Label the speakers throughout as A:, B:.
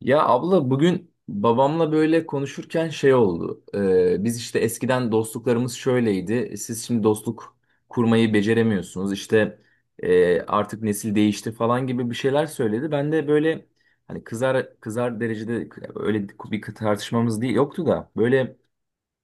A: Ya abla bugün babamla böyle konuşurken şey oldu. Biz işte eskiden dostluklarımız şöyleydi. Siz şimdi dostluk kurmayı beceremiyorsunuz. İşte artık nesil değişti falan gibi bir şeyler söyledi. Ben de böyle hani kızar kızar derecede öyle bir tartışmamız değil yoktu da böyle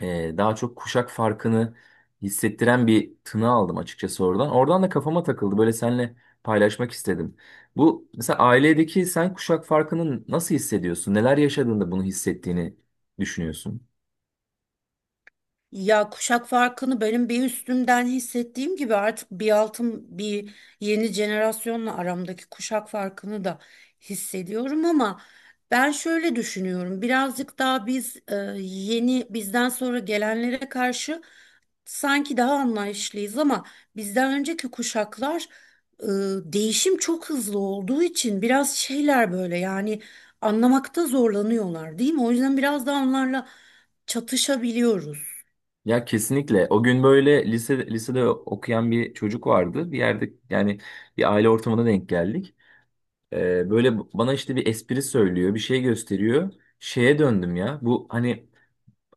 A: daha çok kuşak farkını hissettiren bir tını aldım açıkçası oradan. Oradan da kafama takıldı. Böyle seninle paylaşmak istedim. Bu mesela ailedeki sen kuşak farkını nasıl hissediyorsun? Neler yaşadığında bunu hissettiğini düşünüyorsun?
B: Ya kuşak farkını benim bir üstümden hissettiğim gibi artık bir altım bir yeni jenerasyonla aramdaki kuşak farkını da hissediyorum ama ben şöyle düşünüyorum. Birazcık daha biz yeni bizden sonra gelenlere karşı sanki daha anlayışlıyız ama bizden önceki kuşaklar e, değişim çok hızlı olduğu için biraz şeyler böyle yani anlamakta zorlanıyorlar, değil mi? O yüzden biraz da onlarla çatışabiliyoruz.
A: Ya kesinlikle. O gün böyle lise, lisede okuyan bir çocuk vardı. Bir yerde yani bir aile ortamına denk geldik. Böyle bana işte bir espri söylüyor, bir şey gösteriyor. Şeye döndüm ya. Bu hani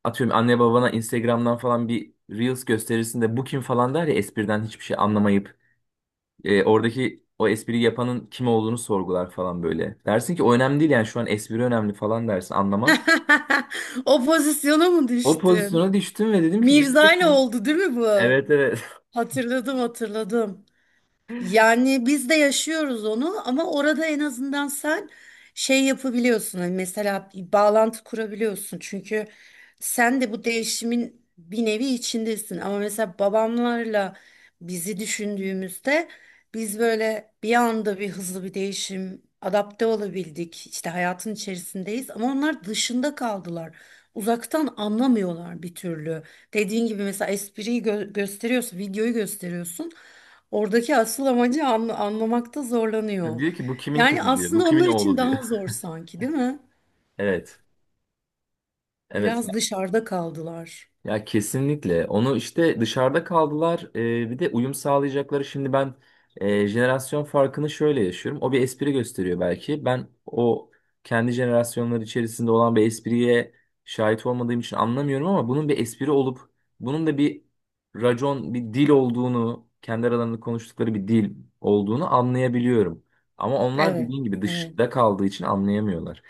A: atıyorum anne babana Instagram'dan falan bir Reels gösterirsin de bu kim falan der ya espriden hiçbir şey anlamayıp oradaki o espriyi yapanın kim olduğunu sorgular falan böyle. Dersin ki o önemli değil yani şu an espri önemli falan dersin anlamaz.
B: O pozisyona mı
A: O
B: düştün?
A: pozisyona düştüm ve dedim ki
B: Mirza ile
A: gerçekten.
B: oldu değil mi bu?
A: Evet, evet.
B: Hatırladım, hatırladım. Yani biz de yaşıyoruz onu ama orada en azından sen şey yapabiliyorsun. Hani mesela bir bağlantı kurabiliyorsun. Çünkü sen de bu değişimin bir nevi içindesin. Ama mesela babamlarla bizi düşündüğümüzde biz böyle bir anda bir hızlı bir değişim adapte olabildik. İşte hayatın içerisindeyiz ama onlar dışında kaldılar. Uzaktan anlamıyorlar bir türlü. Dediğin gibi mesela espriyi gösteriyorsun, videoyu gösteriyorsun. Oradaki asıl amacı anlamakta zorlanıyor.
A: Diyor ki bu kimin
B: Yani
A: kızı diyor. Bu
B: aslında
A: kimin
B: onlar için
A: oğlu diyor.
B: daha zor sanki, değil mi?
A: Evet. Evet.
B: Biraz dışarıda kaldılar.
A: Ya kesinlikle. Onu işte dışarıda kaldılar. Bir de uyum sağlayacakları. Şimdi ben jenerasyon farkını şöyle yaşıyorum. O bir espri gösteriyor belki. Ben o kendi jenerasyonları içerisinde olan bir espriye şahit olmadığım için anlamıyorum ama bunun bir espri olup bunun da bir racon, bir dil olduğunu, kendi aralarında konuştukları bir dil olduğunu anlayabiliyorum. Ama onlar
B: Evet,
A: dediğin gibi
B: evet,
A: dışta kaldığı için anlayamıyorlar.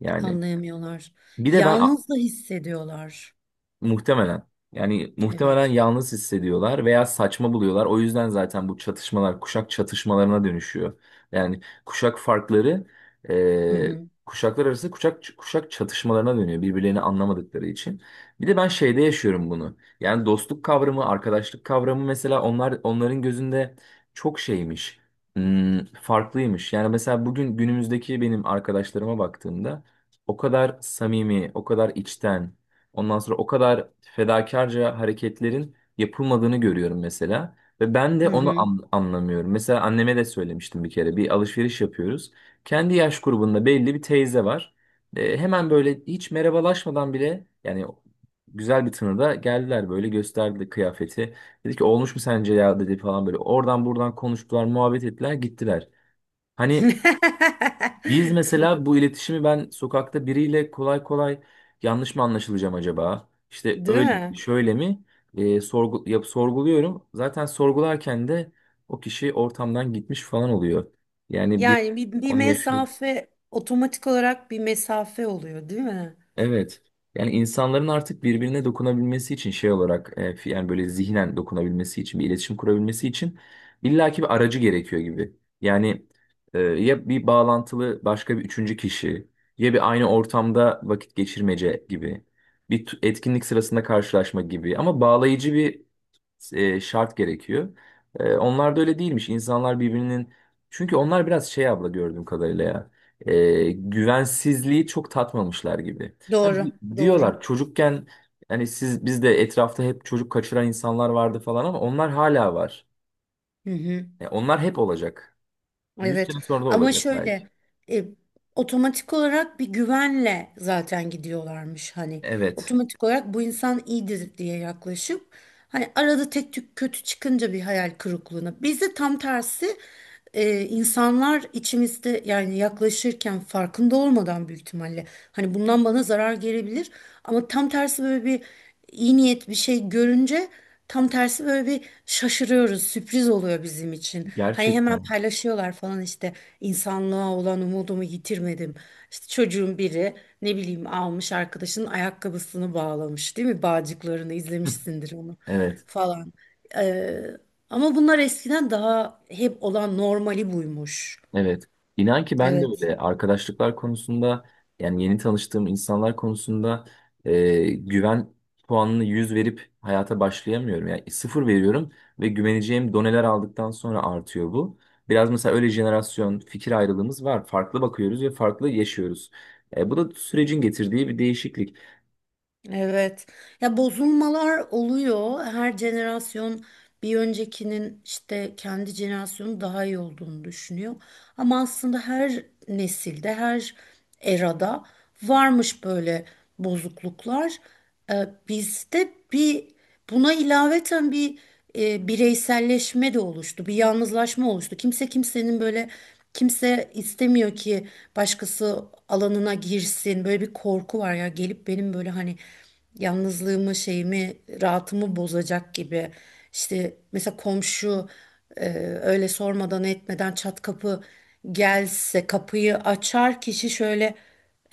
A: Yani
B: anlayamıyorlar.
A: bir de ben
B: Yalnız da hissediyorlar.
A: muhtemelen. Yani muhtemelen
B: Evet.
A: yalnız hissediyorlar veya saçma buluyorlar. O yüzden zaten bu çatışmalar kuşak çatışmalarına dönüşüyor. Yani kuşak farkları
B: Hı
A: e,
B: hı.
A: kuşaklar arası kuşak çatışmalarına dönüyor birbirlerini anlamadıkları için. Bir de ben şeyde yaşıyorum bunu. Yani dostluk kavramı, arkadaşlık kavramı mesela onların gözünde çok şeymiş. Farklıymış. Yani mesela bugün günümüzdeki benim arkadaşlarıma baktığımda o kadar samimi, o kadar içten, ondan sonra o kadar fedakarca hareketlerin yapılmadığını görüyorum mesela. Ve ben de
B: Hı
A: onu
B: hı.
A: anlamıyorum. Mesela anneme de söylemiştim bir kere. Bir alışveriş yapıyoruz. Kendi yaş grubunda belli bir teyze var. E, hemen böyle hiç merhabalaşmadan bile yani güzel bir tınıda geldiler böyle gösterdi kıyafeti. Dedi ki olmuş mu sence ya dedi falan böyle. Oradan buradan konuştular, muhabbet ettiler, gittiler. Hani biz mesela bu iletişimi ben sokakta biriyle kolay kolay yanlış mı anlaşılacağım acaba? İşte
B: Değil
A: öyle
B: mi?
A: mi, şöyle mi? Sorguluyorum. Zaten sorgularken de o kişi ortamdan gitmiş falan oluyor. Yani bir
B: Yani bir
A: onu yaşıyor.
B: mesafe, otomatik olarak bir mesafe oluyor, değil mi?
A: Evet. Yani insanların artık birbirine dokunabilmesi için şey olarak yani böyle zihnen dokunabilmesi için bir iletişim kurabilmesi için illaki bir aracı gerekiyor gibi. Yani ya bir bağlantılı başka bir üçüncü kişi ya bir aynı ortamda vakit geçirmece gibi bir etkinlik sırasında karşılaşma gibi ama bağlayıcı bir şart gerekiyor. E, onlar da öyle değilmiş. İnsanlar birbirinin, çünkü onlar biraz şey abla gördüğüm kadarıyla ya, güvensizliği çok tatmamışlar gibi. Hani
B: Doğru, doğru.
A: diyorlar çocukken hani siz biz de etrafta hep çocuk kaçıran insanlar vardı falan ama onlar hala var.
B: Hı hı.
A: E, onlar hep olacak. 100
B: Evet
A: sene sonra da
B: ama
A: olacak belki.
B: şöyle e, otomatik olarak bir güvenle zaten gidiyorlarmış, hani
A: Evet.
B: otomatik olarak bu insan iyidir diye yaklaşıp, hani arada tek tük kötü çıkınca bir hayal kırıklığına. Bizde tam tersi, insanlar içimizde yani yaklaşırken farkında olmadan büyük ihtimalle hani bundan bana zarar gelebilir, ama tam tersi böyle bir iyi niyet, bir şey görünce tam tersi böyle bir şaşırıyoruz, sürpriz oluyor bizim için. Hani hemen
A: Gerçekten.
B: paylaşıyorlar falan, işte insanlığa olan umudumu yitirmedim. İşte çocuğun biri, ne bileyim, almış arkadaşının ayakkabısını bağlamış, değil mi, bağcıklarını, izlemişsindir onu
A: Evet.
B: falan. Ee, Ama bunlar eskiden daha hep olan, normali buymuş.
A: Evet. İnan ki ben de
B: Evet.
A: öyle arkadaşlıklar konusunda yani yeni tanıştığım insanlar konusunda güven puanını 100 verip hayata başlayamıyorum. Yani sıfır veriyorum ve güveneceğim doneler aldıktan sonra artıyor bu. Biraz mesela öyle jenerasyon fikir ayrılığımız var. Farklı bakıyoruz ve farklı yaşıyoruz. E, bu da sürecin getirdiği bir değişiklik.
B: Evet. Ya bozulmalar oluyor. Her jenerasyon bir öncekinin, işte kendi jenerasyonu daha iyi olduğunu düşünüyor. Ama aslında her nesilde, her erada varmış böyle bozukluklar. Ee, Bizde bir, buna ilaveten bir bireyselleşme de oluştu, bir yalnızlaşma oluştu. Kimse kimsenin böyle, kimse istemiyor ki başkası alanına girsin. Böyle bir korku var, ya gelip benim böyle hani yalnızlığımı, şeyimi, rahatımı bozacak gibi. İşte mesela komşu e, öyle sormadan etmeden çat kapı gelse, kapıyı açar kişi şöyle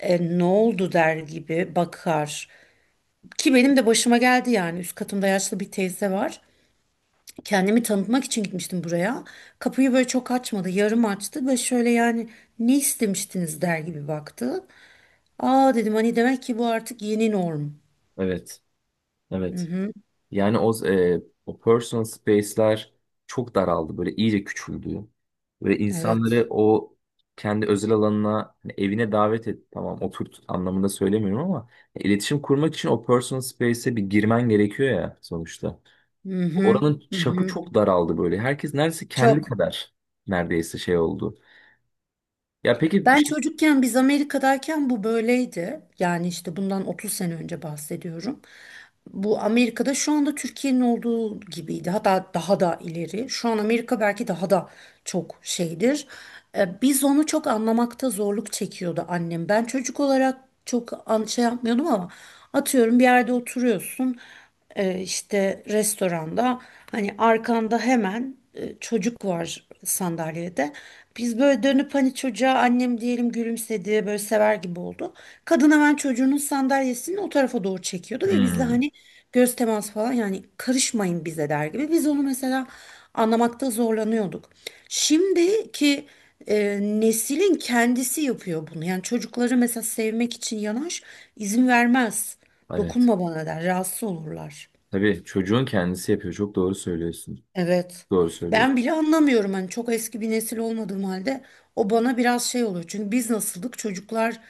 B: ne oldu der gibi bakar. Ki benim de başıma geldi yani. Üst katımda yaşlı bir teyze var. Kendimi tanıtmak için gitmiştim buraya. Kapıyı böyle çok açmadı, yarım açtı ve şöyle yani ne istemiştiniz der gibi baktı. Aa, dedim, hani demek ki bu artık yeni norm.
A: Evet.
B: Hı
A: Evet.
B: hı,
A: Yani o personal space'ler çok daraldı. Böyle iyice küçüldü. Ve insanları
B: evet.
A: o kendi özel alanına, hani evine davet et. Tamam oturt anlamında söylemiyorum ama iletişim kurmak için o personal space'e bir girmen gerekiyor ya sonuçta.
B: Hı hı,
A: Oranın
B: hı
A: çapı
B: hı.
A: çok daraldı böyle. Herkes neredeyse kendi
B: Çok.
A: kadar neredeyse şey oldu. Ya peki bir
B: Ben
A: şey...
B: çocukken biz Amerika'dayken bu böyleydi. Yani işte bundan 30 sene önce bahsediyorum. Bu, Amerika'da şu anda Türkiye'nin olduğu gibiydi. Hatta daha da ileri. Şu an Amerika belki daha da çok şeydir. Biz onu çok anlamakta zorluk çekiyordu annem. Ben çocuk olarak çok şey yapmıyordum ama, atıyorum, bir yerde oturuyorsun, işte restoranda, hani arkanda hemen çocuk var sandalyede. Biz böyle dönüp hani çocuğa, annem diyelim, gülümsedi böyle sever gibi oldu. Kadın hemen çocuğunun sandalyesini o tarafa doğru çekiyordu ve bizle
A: Hmm,
B: hani göz teması falan, yani karışmayın bize der gibi. Biz onu mesela anlamakta zorlanıyorduk. Şimdiki neslin kendisi yapıyor bunu. Yani çocukları mesela sevmek için yanaş izin vermez.
A: evet.
B: Dokunma bana der. Rahatsız olurlar.
A: Tabii çocuğun kendisi yapıyor. Çok doğru söylüyorsun.
B: Evet.
A: Doğru
B: Ben
A: söylüyorsun.
B: bile anlamıyorum, hani çok eski bir nesil olmadığım halde o bana biraz şey oluyor. Çünkü biz nasıldık çocuklar,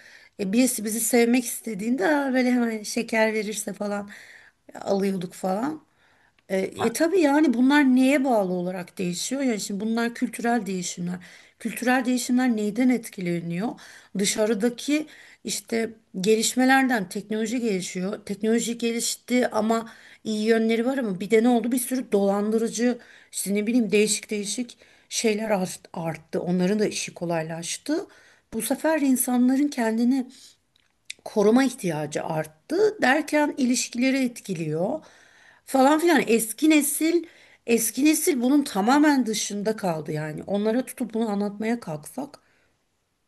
B: birisi bizi sevmek istediğinde, "Aa", böyle hemen şeker verirse falan alıyorduk falan. E, tabii yani bunlar neye bağlı olarak değişiyor? Yani şimdi bunlar kültürel değişimler. Kültürel değişimler neyden etkileniyor? Dışarıdaki işte gelişmelerden, teknoloji gelişiyor. Teknoloji gelişti ama iyi yönleri var, ama bir de ne oldu? Bir sürü dolandırıcı, işte ne bileyim, değişik değişik şeyler arttı. Onların da işi kolaylaştı. Bu sefer insanların kendini koruma ihtiyacı arttı. Derken ilişkileri etkiliyor falan filan. Eski nesil bunun tamamen dışında kaldı yani. Onlara tutup bunu anlatmaya kalksak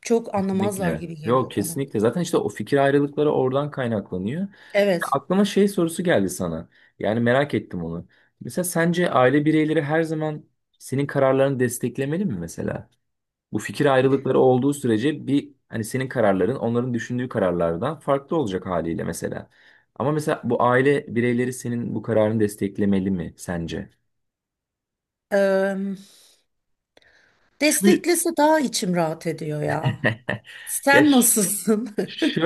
B: çok anlamazlar
A: Kesinlikle.
B: gibi
A: Yok
B: geliyor bana.
A: kesinlikle. Zaten işte o fikir ayrılıkları oradan kaynaklanıyor. Ya
B: Evet.
A: aklıma şey sorusu geldi sana. Yani merak ettim onu. Mesela sence aile bireyleri her zaman senin kararlarını desteklemeli mi mesela? Bu fikir ayrılıkları olduğu sürece bir hani senin kararların onların düşündüğü kararlardan farklı olacak haliyle mesela. Ama mesela bu aile bireyleri senin bu kararını desteklemeli mi sence?
B: Eee
A: Şu
B: Desteklese daha içim rahat ediyor ya.
A: ya
B: Sen nasılsın?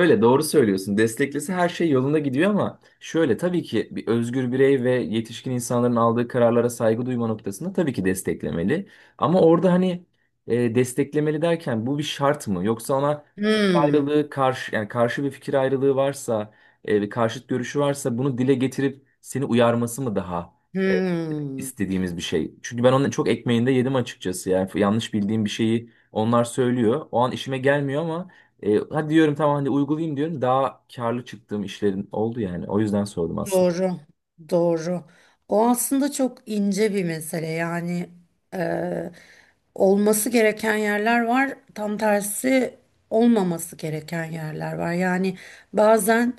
A: doğru söylüyorsun. Desteklese her şey yolunda gidiyor ama şöyle tabii ki bir özgür birey ve yetişkin insanların aldığı kararlara saygı duyma noktasında tabii ki desteklemeli. Ama orada hani desteklemeli derken bu bir şart mı? Yoksa ona fikir
B: Hmm,
A: ayrılığı karşı yani karşı bir fikir ayrılığı varsa, bir karşıt görüşü varsa bunu dile getirip seni uyarması mı daha e,
B: hmm.
A: istediğimiz bir şey? Çünkü ben onun çok ekmeğinde yedim açıkçası. Yani yanlış bildiğim bir şeyi onlar söylüyor. O an işime gelmiyor ama hadi diyorum tamam hadi uygulayayım diyorum. Daha karlı çıktığım işlerin oldu yani. O yüzden sordum aslında.
B: Doğru, doğru. O aslında çok ince bir mesele yani, olması gereken yerler var. Tam tersi olmaması gereken yerler var. Yani bazen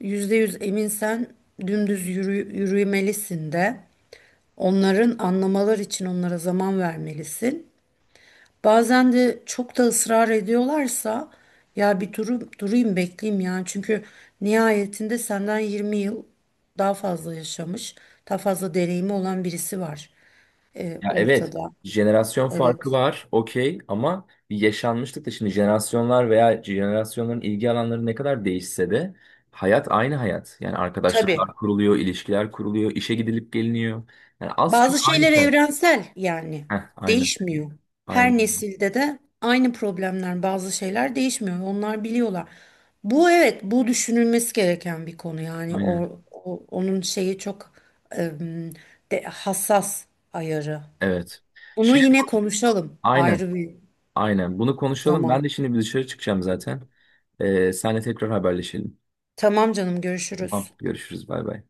B: %100 eminsen dümdüz yürümelisin de onların anlamalar için onlara zaman vermelisin. Bazen de çok da ısrar ediyorlarsa ya bir durum, durayım, bekleyeyim yani. Çünkü nihayetinde senden 20 yıl daha fazla yaşamış, daha fazla deneyimi olan birisi var
A: Ya evet,
B: ortada.
A: jenerasyon farkı
B: Evet.
A: var, okey ama bir yaşanmışlık da şimdi jenerasyonlar veya jenerasyonların ilgi alanları ne kadar değişse de hayat aynı hayat. Yani
B: Tabii.
A: arkadaşlıklar kuruluyor, ilişkiler kuruluyor, işe gidilip geliniyor. Yani az çok
B: Bazı
A: aynı
B: şeyler
A: şey.
B: evrensel yani
A: Heh, aynı,
B: değişmiyor.
A: aynı,
B: Her nesilde de aynı problemler, bazı şeyler değişmiyor. Onlar biliyorlar. Bu, evet, bu düşünülmesi gereken bir konu yani,
A: aynen.
B: onun şeyi çok em, hassas ayarı.
A: Evet.
B: Bunu
A: Şey,
B: yine konuşalım
A: aynen,
B: ayrı bir
A: aynen. Bunu konuşalım. Ben
B: zaman.
A: de şimdi bir dışarı çıkacağım zaten. Senle tekrar haberleşelim.
B: Tamam canım, görüşürüz.
A: Tamam, görüşürüz. Bay bay.